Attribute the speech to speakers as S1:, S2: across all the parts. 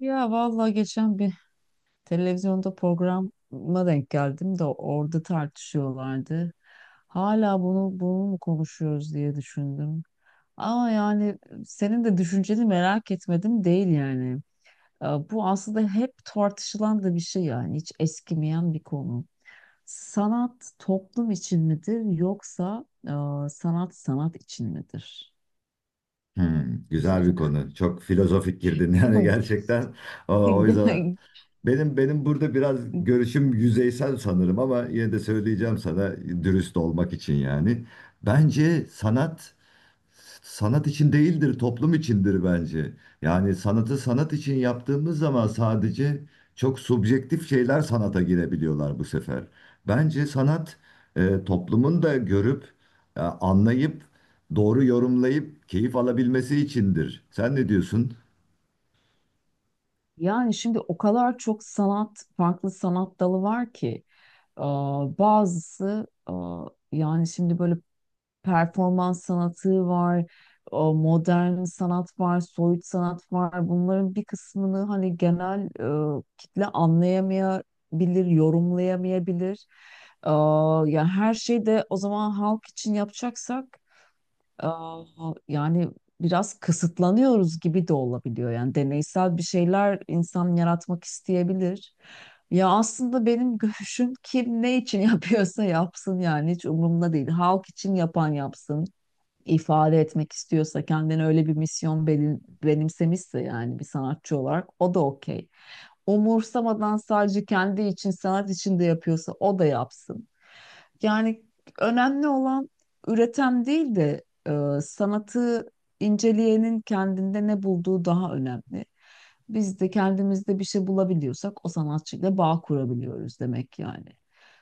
S1: Ya vallahi geçen bir televizyonda programa denk geldim de orada tartışıyorlardı. Hala bunu mu konuşuyoruz diye düşündüm. Ama yani senin de düşünceni merak etmedim değil yani. Bu aslında hep tartışılan da bir şey, yani hiç eskimeyen bir konu. Sanat toplum için midir, yoksa sanat sanat için midir?
S2: Hmm, güzel bir konu. Çok filozofik girdin yani gerçekten. O yüzden benim burada biraz görüşüm yüzeysel sanırım ama yine de söyleyeceğim sana dürüst olmak için yani. Bence sanat sanat için değildir, toplum içindir bence. Yani sanatı sanat için yaptığımız zaman sadece çok subjektif şeyler sanata girebiliyorlar bu sefer. Bence sanat toplumun da görüp, anlayıp, doğru yorumlayıp keyif alabilmesi içindir. Sen ne diyorsun?
S1: Yani şimdi o kadar çok sanat, farklı sanat dalı var ki. Bazısı yani şimdi böyle performans sanatı var, o modern sanat var, soyut sanat var. Bunların bir kısmını hani genel kitle anlayamayabilir, yorumlayamayabilir. Ee, yani her şeyi de o zaman halk için yapacaksak Aa, yani biraz kısıtlanıyoruz gibi de olabiliyor. Yani deneysel bir şeyler insan yaratmak isteyebilir. Ya aslında benim görüşüm kim ne için yapıyorsa yapsın, yani hiç umurumda değil. Halk için yapan yapsın. İfade etmek istiyorsa, kendine öyle bir misyon benimsemişse, yani bir sanatçı olarak, o da okey. Umursamadan sadece kendi için, sanat için de yapıyorsa o da yapsın. Yani önemli olan üreten değil de sanatı inceleyenin kendinde ne bulduğu daha önemli. Biz de kendimizde bir şey bulabiliyorsak o sanatçıyla bağ kurabiliyoruz demek yani.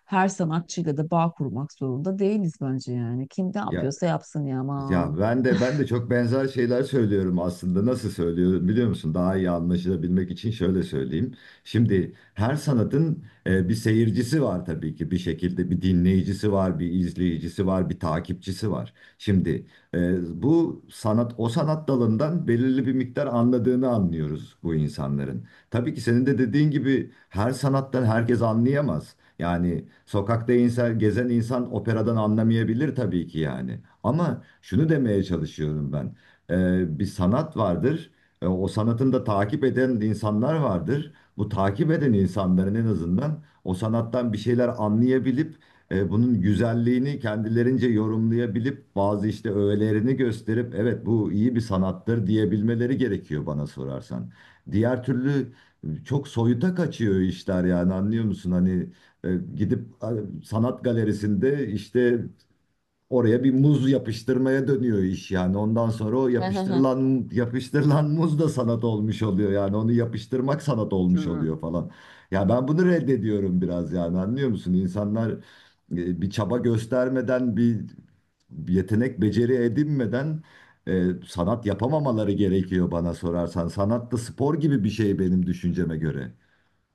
S1: Her sanatçıyla da bağ kurmak zorunda değiliz bence yani. Kim ne
S2: Ya
S1: yapıyorsa yapsın ya, aman.
S2: Ya, ben de çok benzer şeyler söylüyorum aslında. Nasıl söylüyorum biliyor musun? Daha iyi anlaşılabilmek için şöyle söyleyeyim. Şimdi her sanatın bir seyircisi var tabii ki. Bir şekilde bir dinleyicisi var, bir izleyicisi var, bir takipçisi var. Şimdi bu sanat o sanat dalından belirli bir miktar anladığını anlıyoruz bu insanların. Tabii ki senin de dediğin gibi her sanattan herkes anlayamaz. Yani sokakta insan, gezen insan operadan anlamayabilir tabii ki yani. Ama şunu demeye çalışıyorum ben. Bir sanat vardır. O sanatın da takip eden insanlar vardır. Bu takip eden insanların en azından o sanattan bir şeyler anlayabilip bunun güzelliğini kendilerince yorumlayabilip bazı işte öğelerini gösterip evet bu iyi bir sanattır diyebilmeleri gerekiyor bana sorarsan. Diğer türlü çok soyuta kaçıyor işler yani anlıyor musun? Hani gidip sanat galerisinde işte oraya bir muz yapıştırmaya dönüyor iş yani. Ondan sonra o yapıştırılan muz da sanat olmuş oluyor yani. Onu yapıştırmak sanat olmuş oluyor falan. Ya ben bunu reddediyorum biraz yani anlıyor musun? İnsanlar bir çaba göstermeden bir yetenek beceri edinmeden sanat yapamamaları gerekiyor bana sorarsan. Sanat da spor gibi bir şey benim düşünceme göre.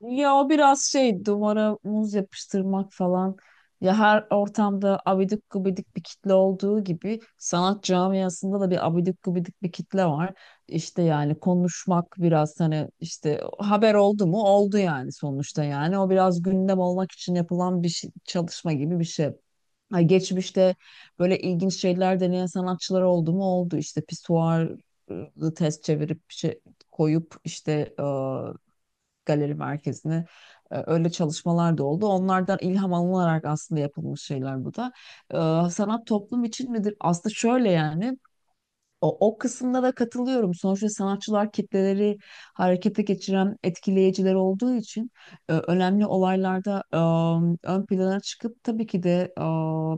S1: Ya o biraz şey, duvara muz yapıştırmak falan. Ya her ortamda abidik gubidik bir kitle olduğu gibi, sanat camiasında da bir abidik gubidik bir kitle var. İşte yani konuşmak biraz, hani işte haber oldu mu oldu yani, sonuçta yani. O biraz gündem olmak için yapılan bir çalışma gibi bir şey. Ha, geçmişte böyle ilginç şeyler deneyen sanatçılar oldu mu oldu, işte pisuarı ters çevirip bir şey koyup işte galeri merkezine. Öyle çalışmalar da oldu. Onlardan ilham alınarak aslında yapılmış şeyler bu da. Sanat toplum için midir? Aslında şöyle yani, o kısımda da katılıyorum. Sonuçta sanatçılar kitleleri harekete geçiren etkileyiciler olduğu için, önemli olaylarda ön plana çıkıp, tabii ki de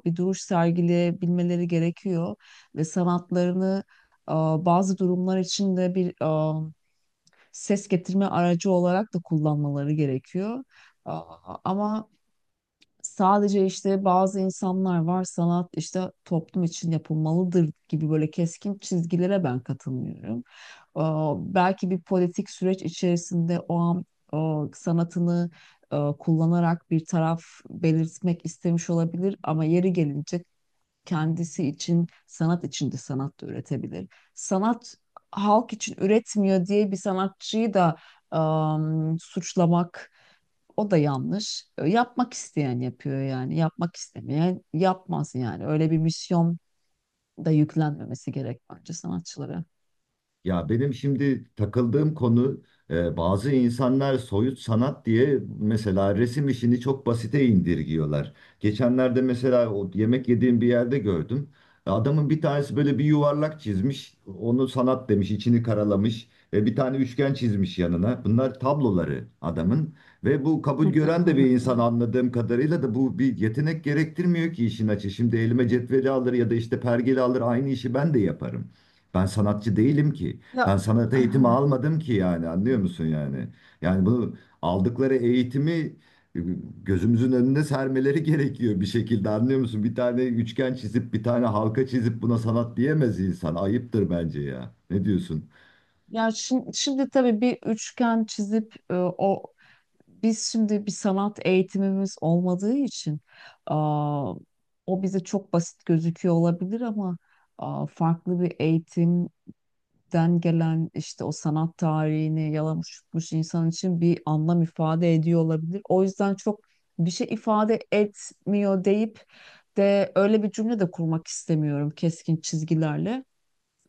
S1: bir duruş sergileyebilmeleri gerekiyor ve sanatlarını e, bazı durumlar için de bir e, ses getirme aracı olarak da kullanmaları gerekiyor. Ama sadece, işte bazı insanlar var, sanat işte toplum için yapılmalıdır gibi böyle keskin çizgilere ben katılmıyorum. Belki bir politik süreç içerisinde o an o sanatını kullanarak bir taraf belirtmek istemiş olabilir, ama yeri gelince kendisi için, sanat için de sanat da üretebilir. Sanat halk için üretmiyor diye bir sanatçıyı da suçlamak, o da yanlış. Yapmak isteyen yapıyor yani. Yapmak istemeyen yapmaz yani. Öyle bir misyon da yüklenmemesi gerek bence sanatçılara.
S2: Ya benim şimdi takıldığım konu bazı insanlar soyut sanat diye mesela resim işini çok basite indirgiyorlar. Geçenlerde mesela o yemek yediğim bir yerde gördüm. Adamın bir tanesi böyle bir yuvarlak çizmiş, onu sanat demiş, içini karalamış. Bir tane üçgen çizmiş yanına. Bunlar tabloları adamın ve bu kabul gören de bir insan anladığım kadarıyla da bu bir yetenek gerektirmiyor ki işin açığı. Şimdi elime cetveli alır ya da işte pergeli alır aynı işi ben de yaparım. Ben sanatçı değilim ki.
S1: Ya
S2: Ben sanat eğitimi almadım ki yani anlıyor musun yani? Yani bunu aldıkları eğitimi e, gözümüzün önüne sermeleri gerekiyor bir şekilde anlıyor musun? Bir tane üçgen çizip bir tane halka çizip buna sanat diyemez insan. Ayıptır bence ya. Ne diyorsun?
S1: Ya şimdi, şimdi tabii bir üçgen çizip o, biz şimdi bir sanat eğitimimiz olmadığı için aa, o bize çok basit gözüküyor olabilir, ama farklı bir eğitimden gelen, işte o sanat tarihini yalamış yutmuş insan için bir anlam ifade ediyor olabilir. O yüzden çok bir şey ifade etmiyor deyip de öyle bir cümle de kurmak istemiyorum keskin çizgilerle.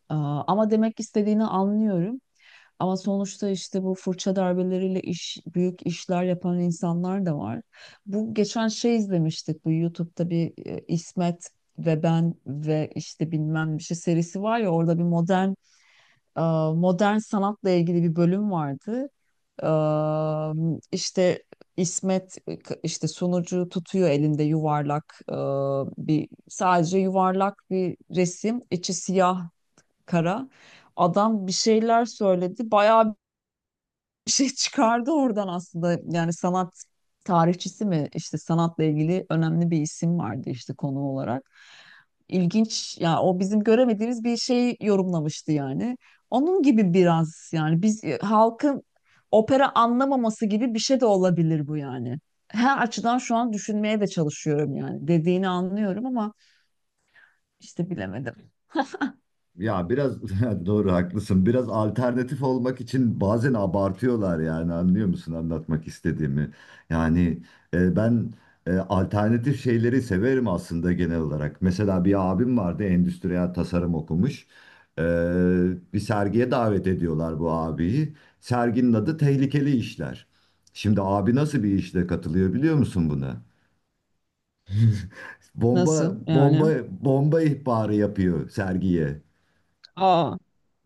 S1: Ama demek istediğini anlıyorum. Ama sonuçta işte bu fırça darbeleriyle büyük işler yapan insanlar da var. Bu geçen şey, izlemiştik bu YouTube'da bir İsmet ve ben ve işte bilmem bir şey serisi var ya, orada bir modern e, modern sanatla ilgili bir bölüm vardı. E, işte İsmet, işte sunucu, tutuyor elinde yuvarlak bir, sadece yuvarlak bir resim, içi siyah kara. Adam bir şeyler söyledi. Bayağı bir şey çıkardı oradan aslında. Yani sanat tarihçisi mi, işte sanatla ilgili önemli bir isim vardı işte konu olarak. İlginç ya, o bizim göremediğimiz bir şey yorumlamıştı yani. Onun gibi biraz, yani biz halkın opera anlamaması gibi bir şey de olabilir bu yani. Her açıdan şu an düşünmeye de çalışıyorum yani. Dediğini anlıyorum ama işte, bilemedim.
S2: Ya biraz doğru haklısın. Biraz alternatif olmak için bazen abartıyorlar yani anlıyor musun anlatmak istediğimi? Yani ben alternatif şeyleri severim aslında genel olarak. Mesela bir abim vardı endüstriyel tasarım okumuş. E, Bir sergiye davet ediyorlar bu abiyi. Serginin adı Tehlikeli İşler. Şimdi abi nasıl bir işle katılıyor biliyor musun buna? Bomba
S1: Nasıl
S2: bomba
S1: yani?
S2: bomba ihbarı yapıyor sergiye.
S1: Aa,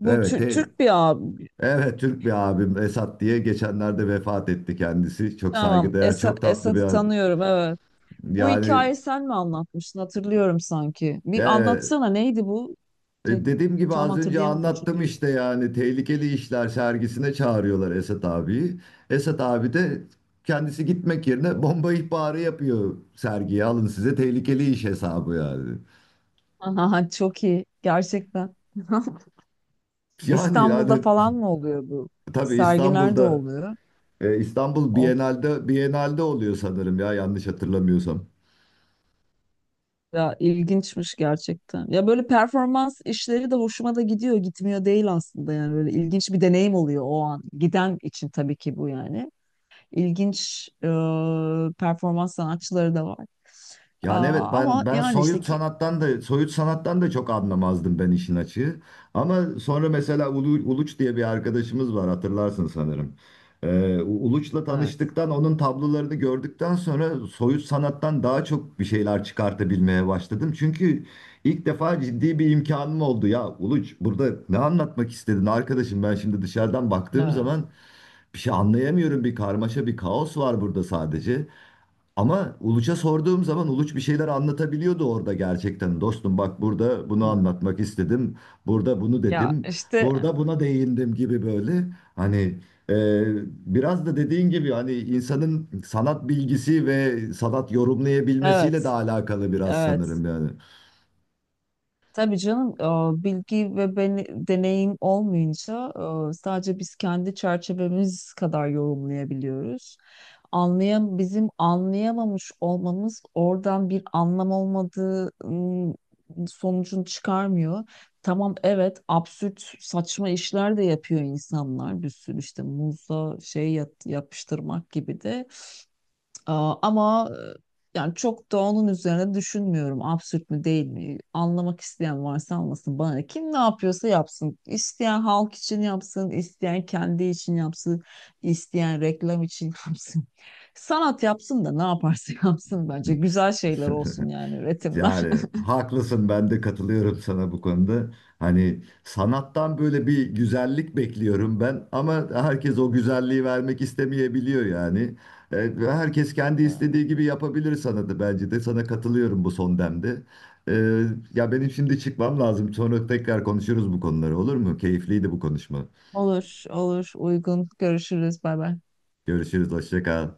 S1: bu
S2: Evet,
S1: Türk bir abi.
S2: evet Türk bir abim Esat diye geçenlerde vefat etti kendisi. Çok
S1: Tamam.
S2: saygıdeğer, çok tatlı bir
S1: Esat'ı
S2: adam.
S1: tanıyorum, evet. Bu
S2: Yani
S1: hikayeyi sen mi anlatmıştın? Hatırlıyorum sanki. Bir
S2: evet,
S1: anlatsana, neydi bu? Tek-
S2: dediğim gibi
S1: tam
S2: az önce
S1: hatırlayamadım
S2: anlattım
S1: çünkü.
S2: işte yani tehlikeli işler sergisine çağırıyorlar Esat abiyi. Esat abi de kendisi gitmek yerine bomba ihbarı yapıyor sergiye alın size tehlikeli iş hesabı yani.
S1: Aha, çok iyi gerçekten.
S2: Yani
S1: İstanbul'da
S2: yani
S1: falan mı oluyor bu?
S2: tabii
S1: Sergi nerede
S2: İstanbul'da
S1: oluyor?
S2: İstanbul
S1: Of
S2: Bienal'de oluyor sanırım ya yanlış hatırlamıyorsam.
S1: ya, ilginçmiş gerçekten. Ya böyle performans işleri de hoşuma da gidiyor, gitmiyor değil aslında, yani böyle ilginç bir deneyim oluyor o an. Giden için tabii ki bu yani. İlginç performans sanatçıları da var.
S2: Yani
S1: Aa,
S2: evet
S1: ama
S2: ben
S1: yani işte
S2: soyut
S1: ki
S2: sanattan da soyut sanattan da çok anlamazdım ben işin açığı. Ama sonra mesela Uluç diye bir arkadaşımız var hatırlarsın sanırım. Uluç'la
S1: evet.
S2: tanıştıktan onun tablolarını gördükten sonra soyut sanattan daha çok bir şeyler çıkartabilmeye başladım. Çünkü ilk defa ciddi bir imkanım oldu ya Uluç burada ne anlatmak istedin arkadaşım ben şimdi dışarıdan baktığım
S1: Evet.
S2: zaman bir şey anlayamıyorum bir karmaşa bir kaos var burada sadece. Ama Uluç'a sorduğum zaman Uluç bir şeyler anlatabiliyordu orada gerçekten. Dostum bak burada bunu
S1: Hı.
S2: anlatmak istedim. Burada bunu
S1: Ya
S2: dedim.
S1: işte
S2: Burada buna değindim gibi böyle. Hani e, biraz da dediğin gibi hani insanın sanat bilgisi ve sanat yorumlayabilmesiyle de
S1: evet,
S2: alakalı biraz
S1: evet.
S2: sanırım yani.
S1: Tabii canım, bilgi ve deneyim olmayınca sadece biz kendi çerçevemiz kadar yorumlayabiliyoruz. Bizim anlayamamış olmamız oradan bir anlam olmadığı sonucunu çıkarmıyor. Tamam evet, absürt saçma işler de yapıyor insanlar bir sürü, işte muzla şey yapıştırmak gibi de. Ama yani çok da onun üzerine düşünmüyorum. Absürt mü değil mi? Anlamak isteyen varsa anlasın, bana ne? Kim ne yapıyorsa yapsın. İsteyen halk için yapsın, isteyen kendi için yapsın, isteyen reklam için yapsın. Sanat yapsın da ne yaparsa yapsın bence. Güzel şeyler olsun yani, üretimler.
S2: Yani haklısın ben de katılıyorum sana bu konuda. Hani sanattan böyle bir güzellik bekliyorum ben ama herkes o güzelliği vermek istemeyebiliyor yani. Evet, ve herkes kendi
S1: Yani.
S2: istediği gibi yapabilir sanatı bence de sana katılıyorum bu son demde. Ee, Ya benim şimdi çıkmam lazım sonra tekrar konuşuruz bu konuları olur mu? Keyifliydi bu konuşma.
S1: Olur, olur. Uygun. Görüşürüz. Bay bay.
S2: Görüşürüz hoşça kal.